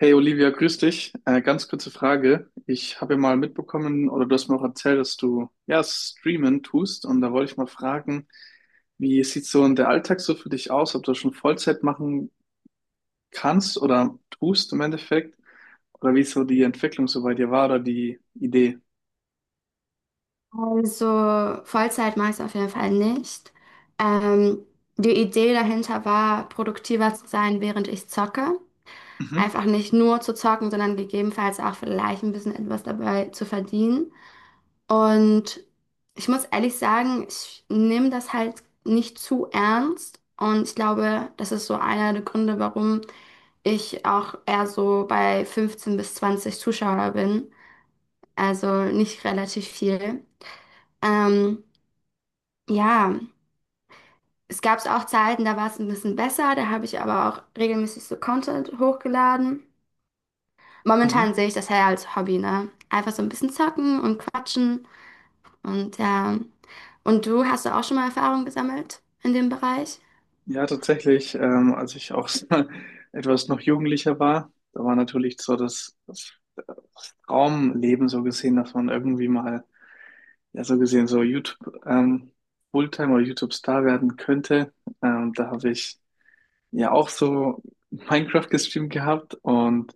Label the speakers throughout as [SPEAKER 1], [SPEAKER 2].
[SPEAKER 1] Hey Olivia, grüß dich. Ganz kurze Frage. Ich habe ja mal mitbekommen oder du hast mir auch erzählt, dass du ja streamen tust und da wollte ich mal fragen, wie sieht so der Alltag so für dich aus, ob du das schon Vollzeit machen kannst oder tust im Endeffekt oder wie so die Entwicklung so bei dir war oder die Idee?
[SPEAKER 2] Also Vollzeit mache ich es auf jeden Fall nicht. Ähm, Die Idee dahinter war, produktiver zu sein, während ich zocke.
[SPEAKER 1] Mhm.
[SPEAKER 2] Einfach nicht nur zu zocken, sondern gegebenenfalls auch vielleicht ein bisschen etwas dabei zu verdienen. Und ich muss ehrlich sagen, ich nehme das halt nicht zu ernst. Und ich glaube, das ist so einer der Gründe, warum ich auch eher so bei 15 bis 20 Zuschauer bin. Also nicht relativ viel. Ähm, ja. Es gab auch Zeiten, da war es ein bisschen besser, da habe ich aber auch regelmäßig so Content hochgeladen. Momentan
[SPEAKER 1] Mhm.
[SPEAKER 2] sehe ich das eher als Hobby, ne? Einfach so ein bisschen zocken und quatschen und ja. Und du hast du auch schon mal Erfahrung gesammelt in dem Bereich?
[SPEAKER 1] Ja, tatsächlich, als ich auch etwas noch jugendlicher war, da war natürlich so das Traumleben so gesehen, dass man irgendwie mal ja, so gesehen so YouTube Fulltime oder YouTube Star werden könnte. Da habe ich ja auch so Minecraft gestreamt gehabt und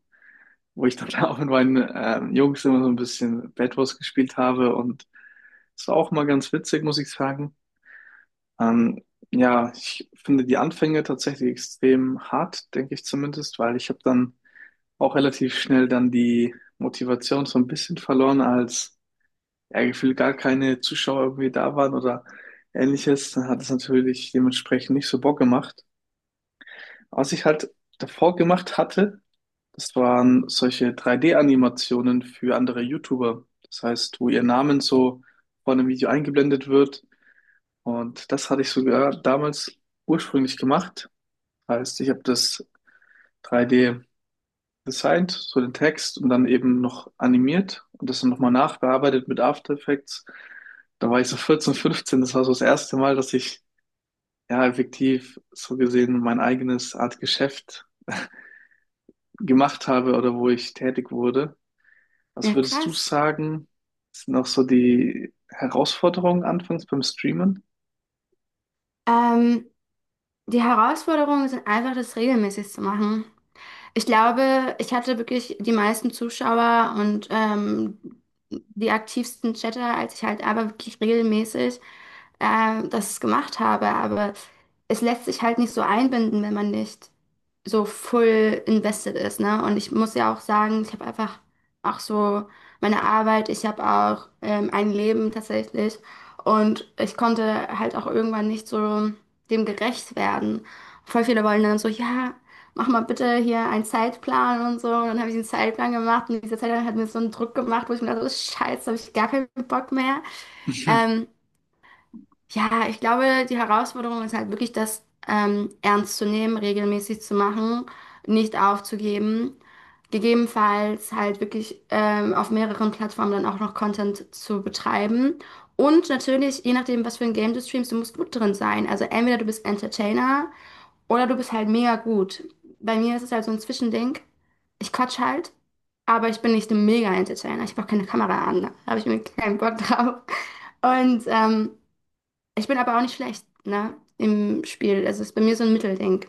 [SPEAKER 1] wo ich dann auch mit meinen Jungs immer so ein bisschen Bed Wars gespielt habe, und es war auch mal ganz witzig, muss ich sagen. Ähm, ja, ich finde die Anfänge tatsächlich extrem hart, denke ich zumindest, weil ich habe dann auch relativ schnell dann die Motivation so ein bisschen verloren als ja, gefühlt gar keine Zuschauer irgendwie da waren oder ähnliches, dann hat es natürlich dementsprechend nicht so Bock gemacht. Was ich halt davor gemacht hatte, das waren solche 3D-Animationen für andere YouTuber. Das heißt, wo ihr Namen so vor einem Video eingeblendet wird. Und das hatte ich sogar damals ursprünglich gemacht. Heißt, ich habe das 3D gesigned, so den Text und dann eben noch animiert und das dann nochmal nachbearbeitet mit After Effects. Da war ich so 14, 15, das war so das erste Mal, dass ich ja effektiv so gesehen mein eigenes Art Geschäft gemacht habe oder wo ich tätig wurde. Was
[SPEAKER 2] Ja,
[SPEAKER 1] würdest du
[SPEAKER 2] krass.
[SPEAKER 1] sagen, sind auch so die Herausforderungen anfangs beim Streamen?
[SPEAKER 2] Ähm, Die Herausforderungen sind einfach, das regelmäßig zu machen. Ich glaube, ich hatte wirklich die meisten Zuschauer und die aktivsten Chatter, als ich halt aber wirklich regelmäßig das gemacht habe. Aber es lässt sich halt nicht so einbinden, wenn man nicht so full invested ist, ne? Und ich muss ja auch sagen, ich habe einfach auch so meine Arbeit, ich habe auch ein Leben tatsächlich. Und ich konnte halt auch irgendwann nicht so dem gerecht werden. Voll viele wollen dann so, ja, mach mal bitte hier einen Zeitplan und so. Und dann habe ich den Zeitplan gemacht und dieser Zeitplan hat mir so einen Druck gemacht, wo ich mir dachte, oh, scheiße, habe ich gar keinen Bock mehr. Ähm, ja, ich glaube, die Herausforderung ist halt wirklich, das ernst zu nehmen, regelmäßig zu machen, nicht aufzugeben. Gegebenenfalls halt wirklich auf mehreren Plattformen dann auch noch Content zu betreiben. Und natürlich, je nachdem, was für ein Game du streamst, du musst gut drin sein. Also entweder du bist Entertainer, oder du bist halt mega gut. Bei mir ist es halt so ein Zwischending. Ich quatsch halt, aber ich bin nicht ein Mega-Entertainer. Ich habe auch keine Kamera an, ne? Da habe ich mir keinen Bock drauf. Und ich bin aber auch nicht schlecht, ne, im Spiel. Also es ist bei mir so ein Mittelding.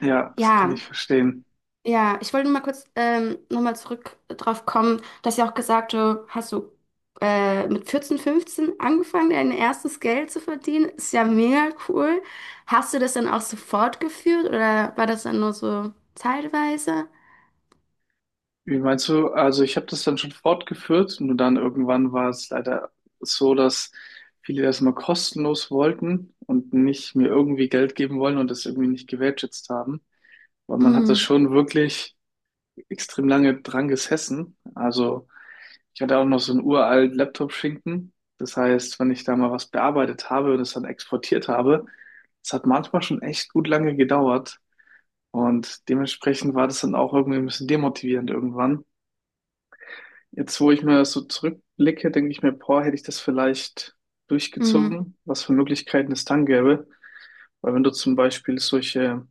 [SPEAKER 1] Ja, das kann
[SPEAKER 2] Ja,
[SPEAKER 1] ich verstehen.
[SPEAKER 2] ja, ich wollte nur mal kurz nochmal zurück drauf kommen, dass ja auch gesagt, du hast du mit 14, 15 angefangen, dein erstes Geld zu verdienen. Ist ja mega cool. Hast du das dann auch so fortgeführt oder war das dann nur so zeitweise?
[SPEAKER 1] Wie meinst du? Also ich habe das dann schon fortgeführt, nur dann irgendwann war es leider so, dass viele das mal kostenlos wollten und nicht mir irgendwie Geld geben wollen und das irgendwie nicht gewertschätzt haben. Weil man hat das
[SPEAKER 2] Mhm.
[SPEAKER 1] schon wirklich extrem lange dran gesessen. Also ich hatte auch noch so einen uralt Laptop-Schinken. Das heißt, wenn ich da mal was bearbeitet habe und es dann exportiert habe, das hat manchmal schon echt gut lange gedauert. Und dementsprechend war das dann auch irgendwie ein bisschen demotivierend irgendwann. Jetzt, wo ich mal so zurückblicke, denke ich mir, boah, hätte ich das vielleicht
[SPEAKER 2] Mhm.
[SPEAKER 1] durchgezogen, was für Möglichkeiten es dann gäbe. Weil wenn du zum Beispiel solche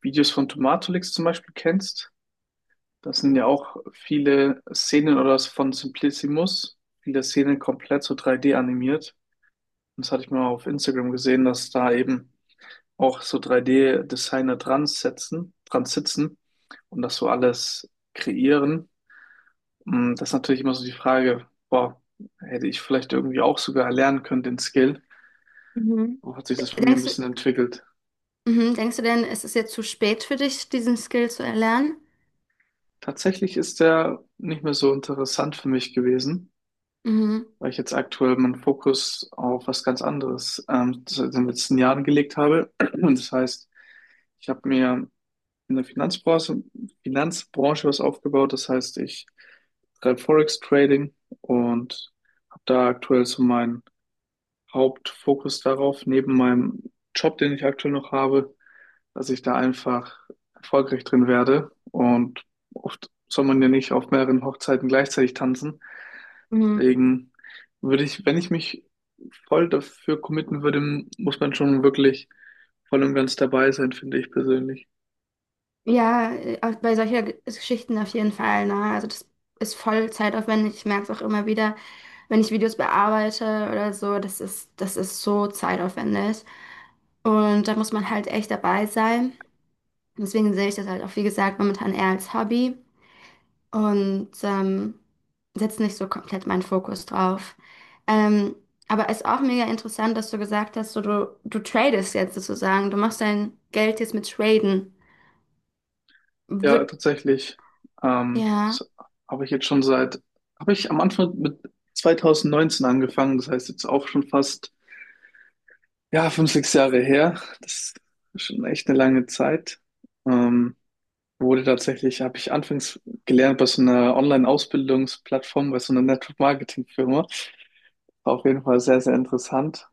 [SPEAKER 1] Videos von Tomatolix zum Beispiel kennst, da sind ja auch viele Szenen oder von Simplissimus, viele Szenen komplett so 3D animiert. Und das hatte ich mal auf Instagram gesehen, dass da eben auch so 3D-Designer dran setzen, dran sitzen und das so alles kreieren. Das ist natürlich immer so die Frage, boah, hätte ich vielleicht irgendwie auch sogar erlernen können, den Skill?
[SPEAKER 2] Mhm.
[SPEAKER 1] Wo hat sich das bei mir ein
[SPEAKER 2] Denkst du,
[SPEAKER 1] bisschen entwickelt?
[SPEAKER 2] mhm. Denkst du denn, es ist jetzt zu spät für dich, diesen Skill zu erlernen?
[SPEAKER 1] Tatsächlich ist der nicht mehr so interessant für mich gewesen,
[SPEAKER 2] Mhm.
[SPEAKER 1] weil ich jetzt aktuell meinen Fokus auf was ganz anderes in den letzten Jahren gelegt habe. Und das heißt, ich habe mir in der Finanzbranche was aufgebaut. Das heißt, ich treibe Forex Trading und habe da aktuell so mein Hauptfokus darauf, neben meinem Job, den ich aktuell noch habe, dass ich da einfach erfolgreich drin werde. Und oft soll man ja nicht auf mehreren Hochzeiten gleichzeitig tanzen.
[SPEAKER 2] Mhm.
[SPEAKER 1] Deswegen würde ich, wenn ich mich voll dafür committen würde, muss man schon wirklich voll und ganz dabei sein, finde ich persönlich.
[SPEAKER 2] Ja, auch bei solcher Geschichten auf jeden Fall. Ne? Also das ist voll zeitaufwendig. Ich merke es auch immer wieder, wenn ich Videos bearbeite oder so, das ist so zeitaufwendig. Und da muss man halt echt dabei sein. Deswegen sehe ich das halt auch, wie gesagt, momentan eher als Hobby und setze nicht so komplett meinen Fokus drauf. Ähm, aber ist auch mega interessant, dass du gesagt hast, so, du tradest jetzt sozusagen, du machst dein Geld jetzt mit Traden.
[SPEAKER 1] Ja,
[SPEAKER 2] Wird,
[SPEAKER 1] tatsächlich.
[SPEAKER 2] ja.
[SPEAKER 1] Das habe ich jetzt schon habe ich am Anfang mit 2019 angefangen. Das heißt jetzt auch schon fast ja, 5, 6 Jahre her. Das ist schon echt eine lange Zeit. Ähm, Wurde tatsächlich, habe ich anfangs gelernt bei so einer Online-Ausbildungsplattform, bei so einer Network-Marketing-Firma. War auf jeden Fall sehr, sehr interessant.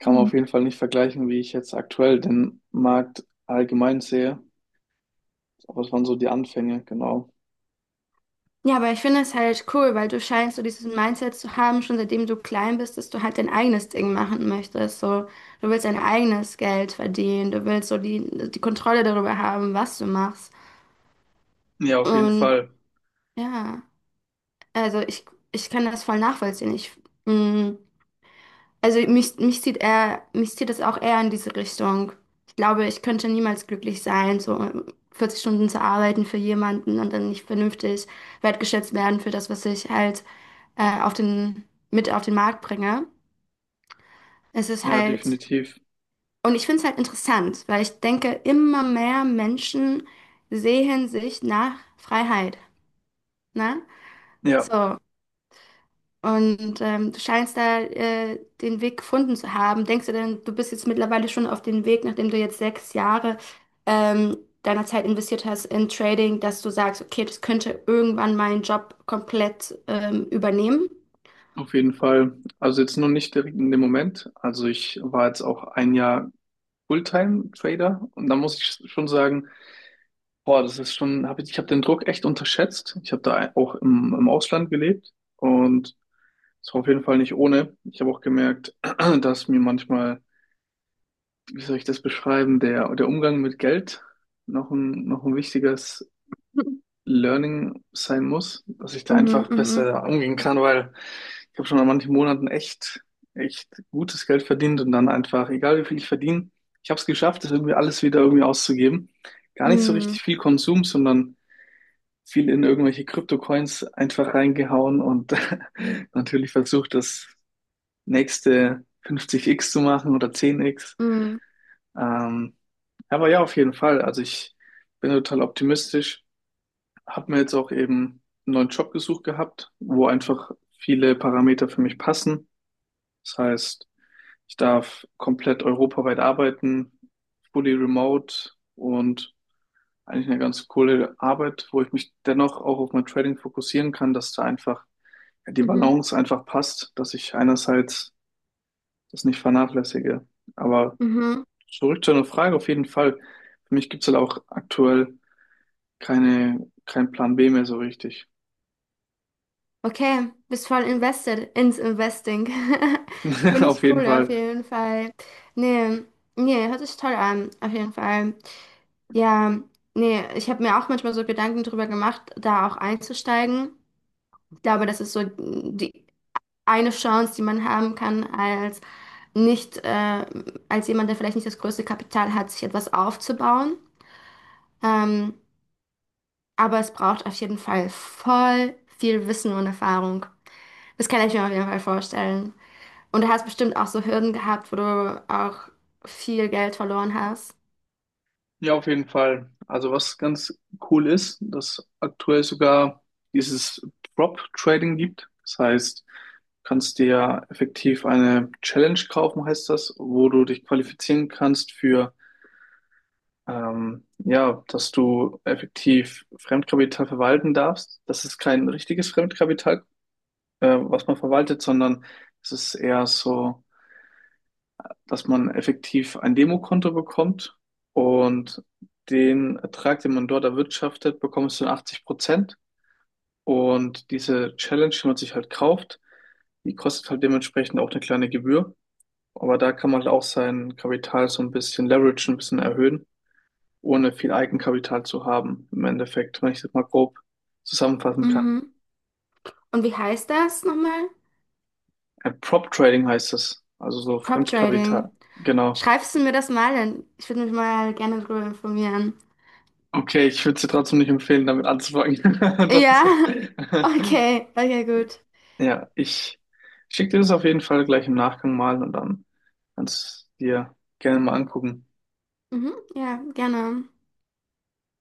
[SPEAKER 1] Kann man auf jeden Fall nicht vergleichen, wie ich jetzt aktuell den Markt allgemein sehe. Aber es waren so die Anfänge, genau.
[SPEAKER 2] Ja, aber ich finde es halt cool, weil du scheinst so dieses Mindset zu haben, schon seitdem du klein bist, dass du halt dein eigenes Ding machen möchtest. So, du willst dein eigenes Geld verdienen, du willst so die Kontrolle darüber haben, was du machst.
[SPEAKER 1] Ja, auf jeden
[SPEAKER 2] Und
[SPEAKER 1] Fall.
[SPEAKER 2] ja, also ich, ich kann das voll nachvollziehen. Mh, also mich zieht eher, mich zieht das auch eher in diese Richtung. Ich glaube, ich könnte niemals glücklich sein, so 40 Stunden zu arbeiten für jemanden und dann nicht vernünftig wertgeschätzt werden für das, was ich halt auf den, mit auf den Markt bringe. Es ist
[SPEAKER 1] Ja,
[SPEAKER 2] halt,
[SPEAKER 1] definitiv.
[SPEAKER 2] und ich finde es halt interessant, weil ich denke, immer mehr Menschen sehen sich nach Freiheit. Ne?
[SPEAKER 1] Ja,
[SPEAKER 2] So, und du scheinst da den Weg gefunden zu haben. Denkst du denn, du bist jetzt mittlerweile schon auf dem Weg, nachdem du jetzt 6 Jahre ähm, deiner Zeit investiert hast in Trading, dass du sagst, okay, das könnte irgendwann meinen Job komplett übernehmen?
[SPEAKER 1] auf jeden Fall. Also jetzt nur nicht direkt in dem Moment. Also ich war jetzt auch ein Jahr Fulltime-Trader und da muss ich schon sagen, boah, das ist schon, hab ich, ich habe den Druck echt unterschätzt. Ich habe da auch im Ausland gelebt und es war auf jeden Fall nicht ohne. Ich habe auch gemerkt, dass mir manchmal, wie soll ich das beschreiben, der Umgang mit Geld noch noch ein wichtiges
[SPEAKER 2] Mhm,
[SPEAKER 1] Learning sein muss, dass ich da
[SPEAKER 2] mhm,
[SPEAKER 1] einfach
[SPEAKER 2] mhm,
[SPEAKER 1] besser umgehen kann, weil ich habe schon an manchen Monaten echt, echt gutes Geld verdient und dann einfach, egal wie viel ich verdiene, ich habe es geschafft, das irgendwie alles wieder irgendwie auszugeben. Gar nicht so richtig
[SPEAKER 2] mhm,
[SPEAKER 1] viel Konsum, sondern viel in irgendwelche Kryptocoins einfach reingehauen und natürlich versucht, das nächste 50x zu machen oder 10x.
[SPEAKER 2] mhm,
[SPEAKER 1] Ähm, aber ja, auf jeden Fall. Also ich bin total optimistisch, habe mir jetzt auch eben einen neuen Job gesucht gehabt, wo einfach viele Parameter für mich passen. Das heißt, ich darf komplett europaweit arbeiten, fully remote, und eigentlich eine ganz coole Arbeit, wo ich mich dennoch auch auf mein Trading fokussieren kann, dass da einfach ja, die
[SPEAKER 2] mhm.
[SPEAKER 1] Balance einfach passt, dass ich einerseits das nicht vernachlässige. Aber
[SPEAKER 2] Mhm.
[SPEAKER 1] zurück zu einer Frage auf jeden Fall. Für mich gibt es halt auch aktuell keinen Plan B mehr so richtig.
[SPEAKER 2] Okay, bist voll invested ins Investing. Finde ich
[SPEAKER 1] Auf jeden
[SPEAKER 2] cool auf
[SPEAKER 1] Fall.
[SPEAKER 2] jeden Fall. Nee, nee, hört sich toll an, auf jeden Fall. Ja, nee, ich habe mir auch manchmal so Gedanken drüber gemacht, da auch einzusteigen. Ich glaube, das ist so die eine Chance, die man haben kann als nicht, als jemand, der vielleicht nicht das größte Kapital hat, sich etwas aufzubauen. Ähm, aber es braucht auf jeden Fall voll viel Wissen und Erfahrung. Das kann ich mir auf jeden Fall vorstellen. Und du hast bestimmt auch so Hürden gehabt, wo du auch viel Geld verloren hast.
[SPEAKER 1] Ja, auf jeden Fall. Also was ganz cool ist, dass aktuell sogar dieses Prop-Trading gibt. Das heißt, du kannst dir ja effektiv eine Challenge kaufen, heißt das, wo du dich qualifizieren kannst für, ja, dass du effektiv Fremdkapital verwalten darfst. Das ist kein richtiges Fremdkapital, was man verwaltet, sondern es ist eher so, dass man effektiv ein Demokonto bekommt und den Ertrag, den man dort erwirtschaftet, bekommst du in 80%. Und diese Challenge, die man sich halt kauft, die kostet halt dementsprechend auch eine kleine Gebühr. Aber da kann man halt auch sein Kapital so ein bisschen leveragen, ein bisschen erhöhen, ohne viel Eigenkapital zu haben, im Endeffekt, wenn ich das mal grob zusammenfassen kann.
[SPEAKER 2] Mhm. Und wie heißt das nochmal?
[SPEAKER 1] Prop Trading heißt es, also so
[SPEAKER 2] Prop Trading.
[SPEAKER 1] Fremdkapital. Genau.
[SPEAKER 2] Schreibst du mir das mal denn? Ich würde mich mal gerne darüber informieren.
[SPEAKER 1] Okay, ich würde es dir trotzdem nicht empfehlen, damit anzufangen.
[SPEAKER 2] Ja,
[SPEAKER 1] Sonst-
[SPEAKER 2] okay, okay, gut.
[SPEAKER 1] Ja, ich schicke dir das auf jeden Fall gleich im Nachgang mal und dann kannst du es dir gerne mal angucken.
[SPEAKER 2] Mhm. Ja, gerne.